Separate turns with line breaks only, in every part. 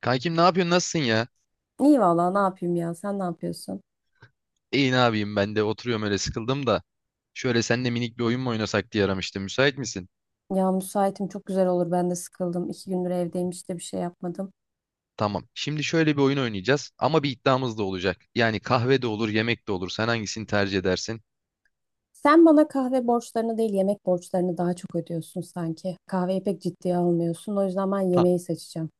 Kankim ne yapıyorsun? Nasılsın ya?
İyi valla ne yapayım ya, sen ne yapıyorsun?
İyi ne yapayım ben de oturuyorum öyle sıkıldım da. Şöyle seninle minik bir oyun mu oynasak diye aramıştım. Müsait misin?
Ya müsaitim, çok güzel olur, ben de sıkıldım. İki gündür evdeyim, hiç de bir şey yapmadım.
Tamam. Şimdi şöyle bir oyun oynayacağız ama bir iddiamız da olacak. Yani kahve de olur, yemek de olur. Sen hangisini tercih edersin?
Sen bana kahve borçlarını değil, yemek borçlarını daha çok ödüyorsun sanki. Kahveyi pek ciddiye almıyorsun, o yüzden ben
Ta-
yemeği seçeceğim.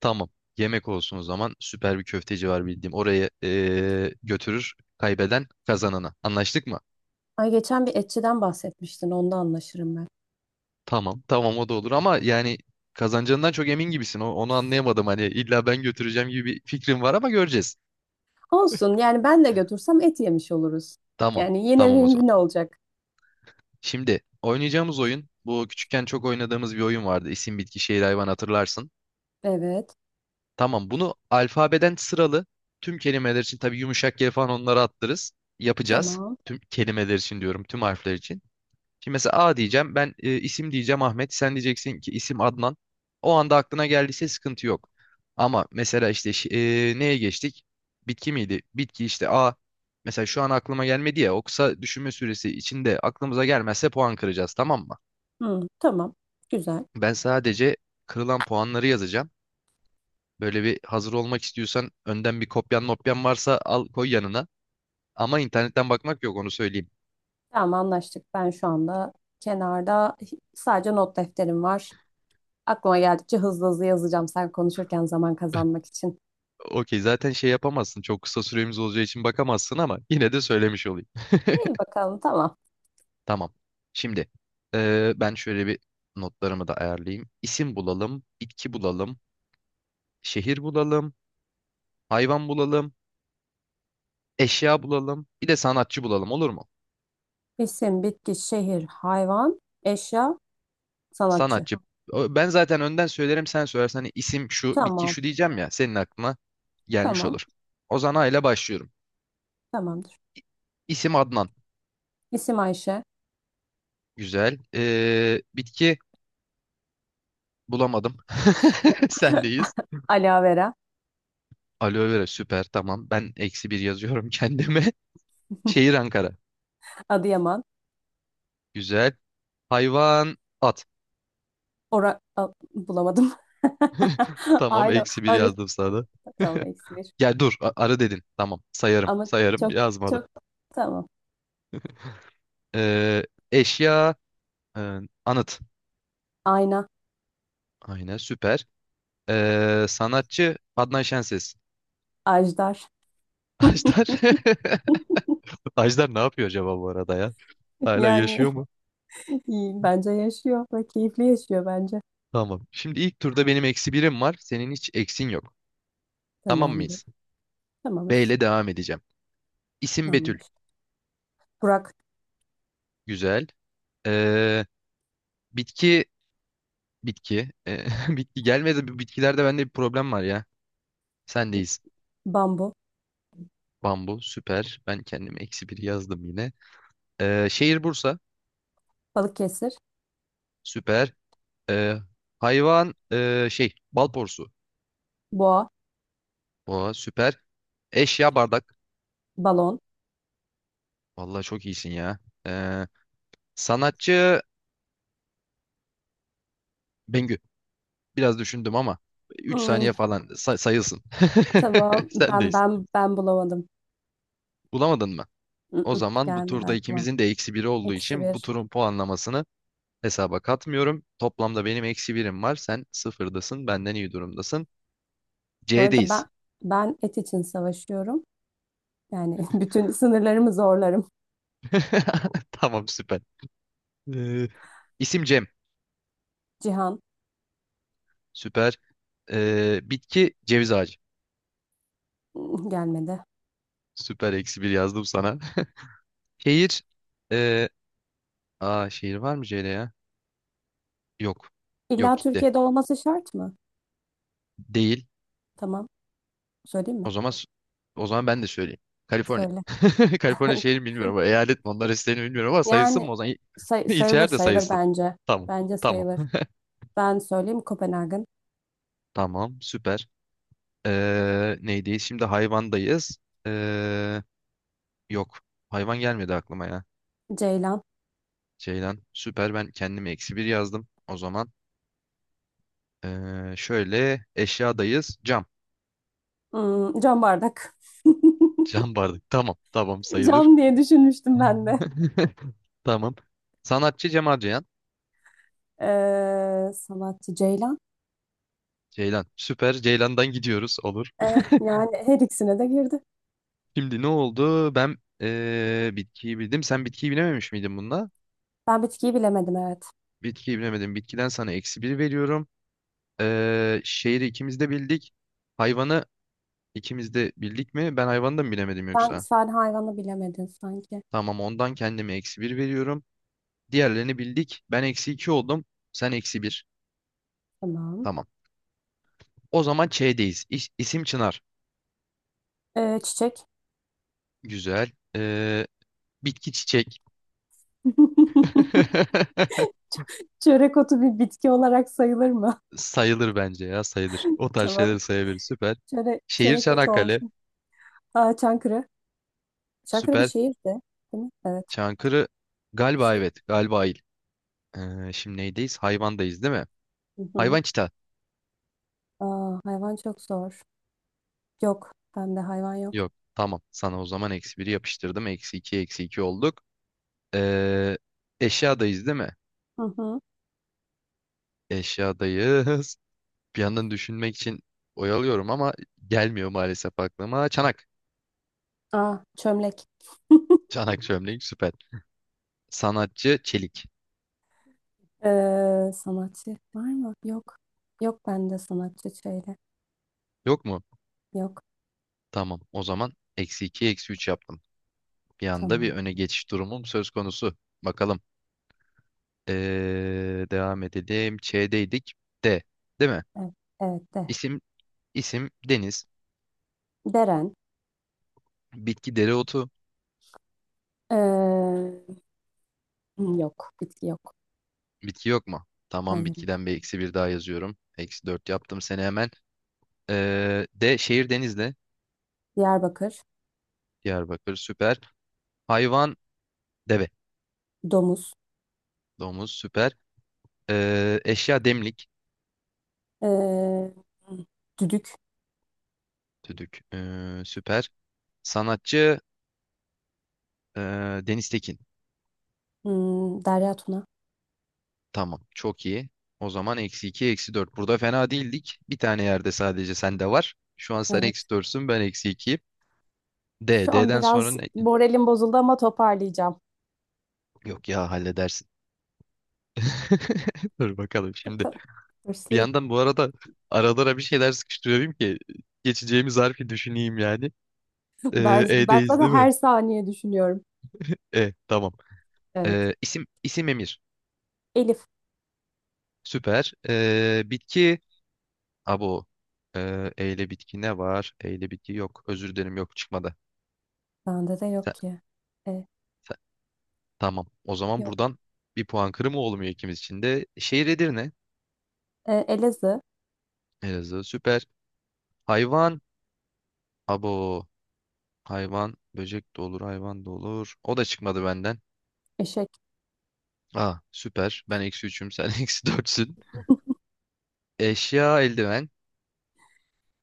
tamam. Yemek olsun o zaman. Süper bir köfteci var bildiğim. Oraya götürür kaybeden kazanana. Anlaştık mı?
Ay, geçen bir etçiden bahsetmiştin, onda anlaşırım ben.
Tamam. Tamam o da olur ama yani kazanacağından çok emin gibisin. Onu anlayamadım. Hani illa ben götüreceğim gibi bir fikrim var ama göreceğiz.
Olsun, yani ben de götürsem et yemiş oluruz.
Tamam.
Yani yine
Tamam o
win-win
zaman.
olacak.
Şimdi oynayacağımız oyun bu küçükken çok oynadığımız bir oyun vardı. İsim, bitki, şehir, hayvan hatırlarsın.
Evet,
Tamam bunu alfabeden sıralı tüm kelimeler için tabii yumuşak yer falan onları attırız. Yapacağız.
tamam.
Tüm kelimeler için diyorum tüm harfler için. Şimdi mesela A diyeceğim ben isim diyeceğim Ahmet sen diyeceksin ki isim Adnan. O anda aklına geldiyse sıkıntı yok. Ama mesela işte neye geçtik? Bitki miydi? Bitki işte A. Mesela şu an aklıma gelmedi ya o kısa düşünme süresi içinde aklımıza gelmezse puan kıracağız tamam mı?
Hı, tamam, güzel.
Ben sadece kırılan puanları yazacağım. Böyle bir hazır olmak istiyorsan önden bir kopyan mopyan varsa al koy yanına. Ama internetten bakmak yok onu söyleyeyim.
Tamam, anlaştık. Ben şu anda kenarda sadece not defterim var. Aklıma geldikçe hızlı hızlı yazacağım sen konuşurken, zaman kazanmak için.
Okey zaten şey yapamazsın. Çok kısa süremiz olacağı için bakamazsın ama yine de söylemiş olayım.
İyi bakalım, tamam.
Tamam. Şimdi ben şöyle bir notlarımı da ayarlayayım. İsim bulalım, bitki bulalım, şehir bulalım, hayvan bulalım, eşya bulalım, bir de sanatçı bulalım olur mu?
İsim, bitki, şehir, hayvan, eşya, sanatçı.
Sanatçı. Ben zaten önden söylerim sen söylersen hani isim şu bitki
Tamam,
şu diyeceğim ya senin aklına gelmiş
tamam,
olur. Ozan A ile başlıyorum.
tamamdır.
İ- İsim Adnan.
İsim Ayşe.
Güzel. Bitki bulamadım. Sendeyiz.
Ala Vera.
Aloe vera süper tamam. Ben eksi bir yazıyorum kendime. Şehir Ankara.
Adıyaman.
Güzel. Hayvan at.
Bulamadım.
Tamam
Alo,
eksi bir
arı.
yazdım sana. Da.
Tamam, eksi bir.
Ya dur arı dedin. Tamam sayarım
Ama
sayarım
çok,
yazmadım.
çok, tamam.
Ee, eşya e, anıt.
Ayna.
Aynen süper. Sanatçı Adnan Şenses.
Ajdar.
Ajdar. Ajdar ne yapıyor acaba bu arada ya? Hala
Yani
yaşıyor mu?
iyi, bence yaşıyor ve keyifli yaşıyor bence.
Tamam. Şimdi ilk turda benim eksi birim var. Senin hiç eksin yok. Tamam
Tamamdır.
mıyız? B
Tamamız.
ile devam edeceğim. İsim
Tamam.
Betül.
Burak.
Güzel. Ee, bitki. Bitki. Bitki gelmedi. Bu bitkilerde bende bir problem var ya. Sendeyiz.
Bambu.
Bambu. Süper. Ben kendime eksi bir yazdım yine. Şehir Bursa.
Balıkesir.
Süper. Ee, hayvan. Şey. Balporsu.
Boğa.
Oha süper. Eşya bardak.
Balon.
Vallahi çok iyisin ya. Ee, sanatçı Bengü. Biraz düşündüm ama üç
Hmm,
saniye falan sayılsın.
tamam, ben
Sendeyiz.
bulamadım.
Bulamadın mı? O
Mm-mm,
zaman bu
gelmedi
turda
aklıma.
ikimizin de eksi biri olduğu
Eksi
için bu
bir.
turun puanlamasını hesaba katmıyorum. Toplamda benim eksi birim var. Sen sıfırdasın. Benden iyi durumdasın.
Bu arada
C'deyiz.
ben et için savaşıyorum. Yani bütün sınırlarımı zorlarım.
Tamam süper. Ee, isim Cem.
Cihan.
Süper. Bitki ceviz ağacı.
Mm, gelmedi.
Süper eksi bir yazdım sana. Şehir e, aa şehir var mı Ceyda ya? Yok. Yok
İlla
gitti.
Türkiye'de olması şart mı?
Değil.
Tamam. Söyleyeyim
O
mi?
zaman o zaman ben de söyleyeyim. Kaliforniya.
Söyle.
Kaliforniya şehri mi bilmiyorum ama eyalet mi onlar isteğini bilmiyorum ama sayılsın
Yani
mı o zaman?
sayılır,
İlçeler de
sayılır
sayılsın.
bence.
Tamam.
Bence
Tamam.
sayılır. Ben söyleyeyim, Kopenhag'ın.
Tamam. Süper. Neydi? Şimdi hayvandayız. Ee, yok. Hayvan gelmedi aklıma ya.
Ceylan.
Ceylan. Süper. Ben kendime eksi bir yazdım. O zaman şöyle eşyadayız. Cam.
Hmm, cam bardak.
Cam bardak. Tamam. Tamam sayılır.
Cam diye düşünmüştüm ben de.
Tamam. Sanatçı Cemal Ceylan.
Sanatçı Ceylan.
Ceylan. Süper. Ceylan'dan gidiyoruz. Olur.
Ee, Yani her ikisine de girdi.
Şimdi ne oldu? Ben bitkiyi bildim. Sen bitkiyi bilememiş miydin bununla?
Ben bitkiyi bilemedim, evet.
Bitkiyi bilemedim. Bitkiden sana eksi bir veriyorum. Şehri ikimiz de bildik. Hayvanı ikimiz de bildik mi? Ben hayvanı da mı bilemedim
Sen
yoksa?
sadece hayvanı bilemedin sanki.
Tamam ondan kendime eksi bir veriyorum. Diğerlerini bildik. Ben eksi iki oldum. Sen eksi bir.
Tamam.
Tamam. O zaman Ç'deyiz. İsim Çınar.
Çiçek.
Güzel. Bitki çiçek.
Çörek otu bir bitki olarak sayılır mı?
Sayılır bence ya sayılır. O tarz
Tamam.
şeyleri sayabilir. Süper.
Çörek,
Şehir
çörek otu
Çanakkale.
olsun. Aa, Çankırı. Çankırı bir
Süper.
şehirdi, değil mi? Evet.
Çankırı galiba
Şey.
evet. Galiba il. Şimdi neydeyiz? Hayvandayız değil mi?
Hı hı.
Hayvan çita.
Aa, hayvan çok zor. Yok. Bende hayvan yok.
Yok. Tamam. Sana o zaman eksi biri yapıştırdım. Eksi iki eksi iki olduk. Ee, eşyadayız değil mi?
Hı hı.
Eşyadayız. Bir yandan düşünmek için oyalıyorum ama gelmiyor maalesef aklıma. Çanak.
Aa, çömlek.
Çanak çömlek süper. Sanatçı Çelik.
Sanatçı var mı? Yok. Yok, bende sanatçı şöyle.
Yok mu?
Yok.
Tamam. O zaman eksi 2 eksi 3 yaptım. Bir anda bir
Tamam.
öne geçiş durumum söz konusu. Bakalım. Devam edelim. Ç'deydik. D. Değil mi?
Evet, evet de.
İsim, isim Deniz.
Deren.
Bitki dereotu.
Ee, Yok. Bitki yok.
Bitki yok mu? Tamam.
Hayır, yok.
Bitkiden bir eksi bir daha yazıyorum. Eksi 4 yaptım seni hemen. D. Şehir Denizli.
Diyarbakır.
Diyarbakır. Süper. Hayvan. Deve.
Domuz.
Domuz. Süper. Eşya demlik.
Ee, Düdük.
Düdük. Süper. Sanatçı. ee, Deniz Tekin.
Hmm, Derya Tuna.
Tamam. Çok iyi. O zaman eksi 2, eksi 4. Burada fena değildik. Bir tane yerde sadece sende var. Şu an sen
Evet.
eksi 4'sün, ben eksi 2'yim. D.
Şu an
D'den sonra
biraz
ne?
moralim bozuldu ama toparlayacağım.
Yok ya halledersin. Dur bakalım şimdi.
Bakalım.
Bir
Hırslıyım.
yandan bu arada aralara bir şeyler sıkıştırıyorum ki geçeceğimiz harfi düşüneyim yani.
Ben, ben
E'deyiz
zaten
değil mi?
her saniye düşünüyorum.
E tamam.
Evet.
İsim Emir.
Elif.
Süper. Bitki abo. E ile bitki ne var? E ile bitki yok. Özür dilerim yok çıkmadı.
Bende de yok
Sen,
ki. E,
Tamam. O zaman
yok.
buradan bir puan kırımı olmuyor ikimiz için de. Şehir Edirne.
E, Elazığ.
Elazığ süper. Hayvan. Abo. Hayvan. Böcek de olur. Hayvan da olur. O da çıkmadı benden.
Eşek.
Aa süper. Ben eksi üçüm. Sen eksi dörtsün. Eşya eldiven.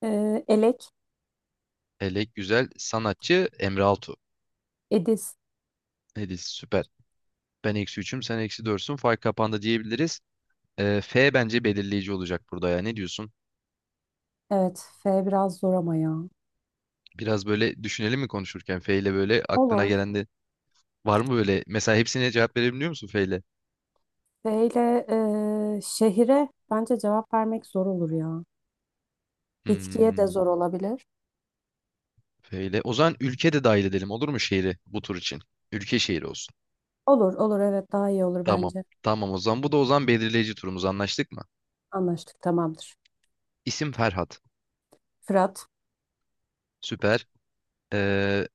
E, elek.
Elek güzel. Sanatçı Emre Altu.
Edis.
Edis süper. Ben eksi üçüm. Sen eksi dörtsün. Fark kapandı diyebiliriz. F bence belirleyici olacak burada ya. Ne diyorsun?
Evet. F biraz zor ama ya.
Biraz böyle düşünelim mi konuşurken? F ile böyle aklına
Olur.
gelen de var mı böyle? Mesela hepsine cevap verebiliyor musun F ile?
F ile şehire bence cevap vermek zor olur ya. Bitkiye de
Hmm,
zor olabilir.
böyle. O zaman ülke de dahil edelim olur mu şehri bu tur için? Ülke şehri olsun.
Olur, olur, evet, daha iyi olur
Tamam.
bence.
Tamam o zaman. Bu da o zaman belirleyici turumuz anlaştık mı?
Anlaştık, tamamdır.
İsim Ferhat.
Fırat.
Süper. Ee,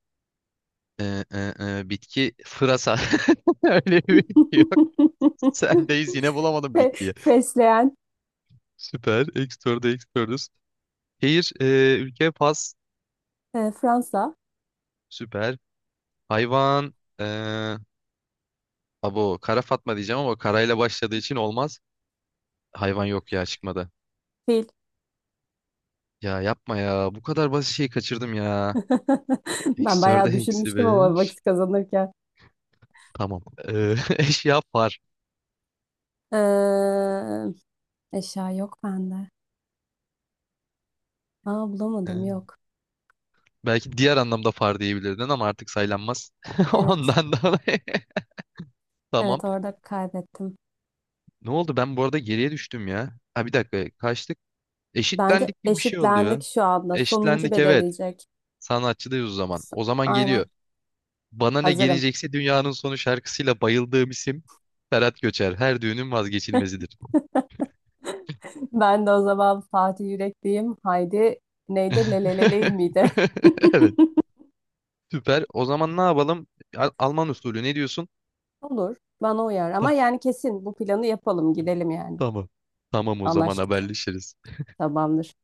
e, e, bitki Fırasa. Öyle bir bitki yok. Sendeyiz yine bulamadım
Fe-
bitkiyi.
Fesleğen.
Süper. Ekstörde ekstörüz. Şehir, ülke Fas.
E, Fransa.
Süper. Hayvan. E, abo. Kara Fatma diyeceğim ama karayla başladığı için olmaz. Hayvan yok ya çıkmadı.
Fil.
Ya yapma ya. Bu kadar basit şeyi kaçırdım ya.
Ben
Eksi 4'e
bayağı
eksi
düşünmüştüm ama
5.
vakit kazanırken.
Tamam. Eşya far.
E, eşya yok bende. Aa, bulamadım,
Ee,
yok.
Belki diğer anlamda far diyebilirdin ama artık saylanmaz.
Evet.
Ondan dolayı. Tamam.
Evet, orada kaybettim.
Ne oldu? Ben bu arada geriye düştüm ya. Ha bir dakika. Kaçtık?
Bence
Eşitlendik gibi bir şey
eşitlendik
oluyor.
şu anda. Sonuncu
Eşitlendik evet.
belirleyecek.
Sanatçıdayız o zaman. O zaman geliyor.
Aynen.
Bana ne
Hazırım.
gelecekse dünyanın sonu şarkısıyla bayıldığım isim Ferhat Göçer. Her düğünün vazgeçilmezidir.
Ben de o zaman Fatih Yürek diyeyim. Haydi, neydi? Leleleley miydi?
Evet. Süper. O zaman ne yapalım? Alman usulü ne diyorsun?
Olur. Bana uyar. Ama
Ta-
yani kesin bu planı yapalım. Gidelim yani.
Tamam. Tamam o zaman
Anlaştık.
haberleşiriz.
Tamamdır.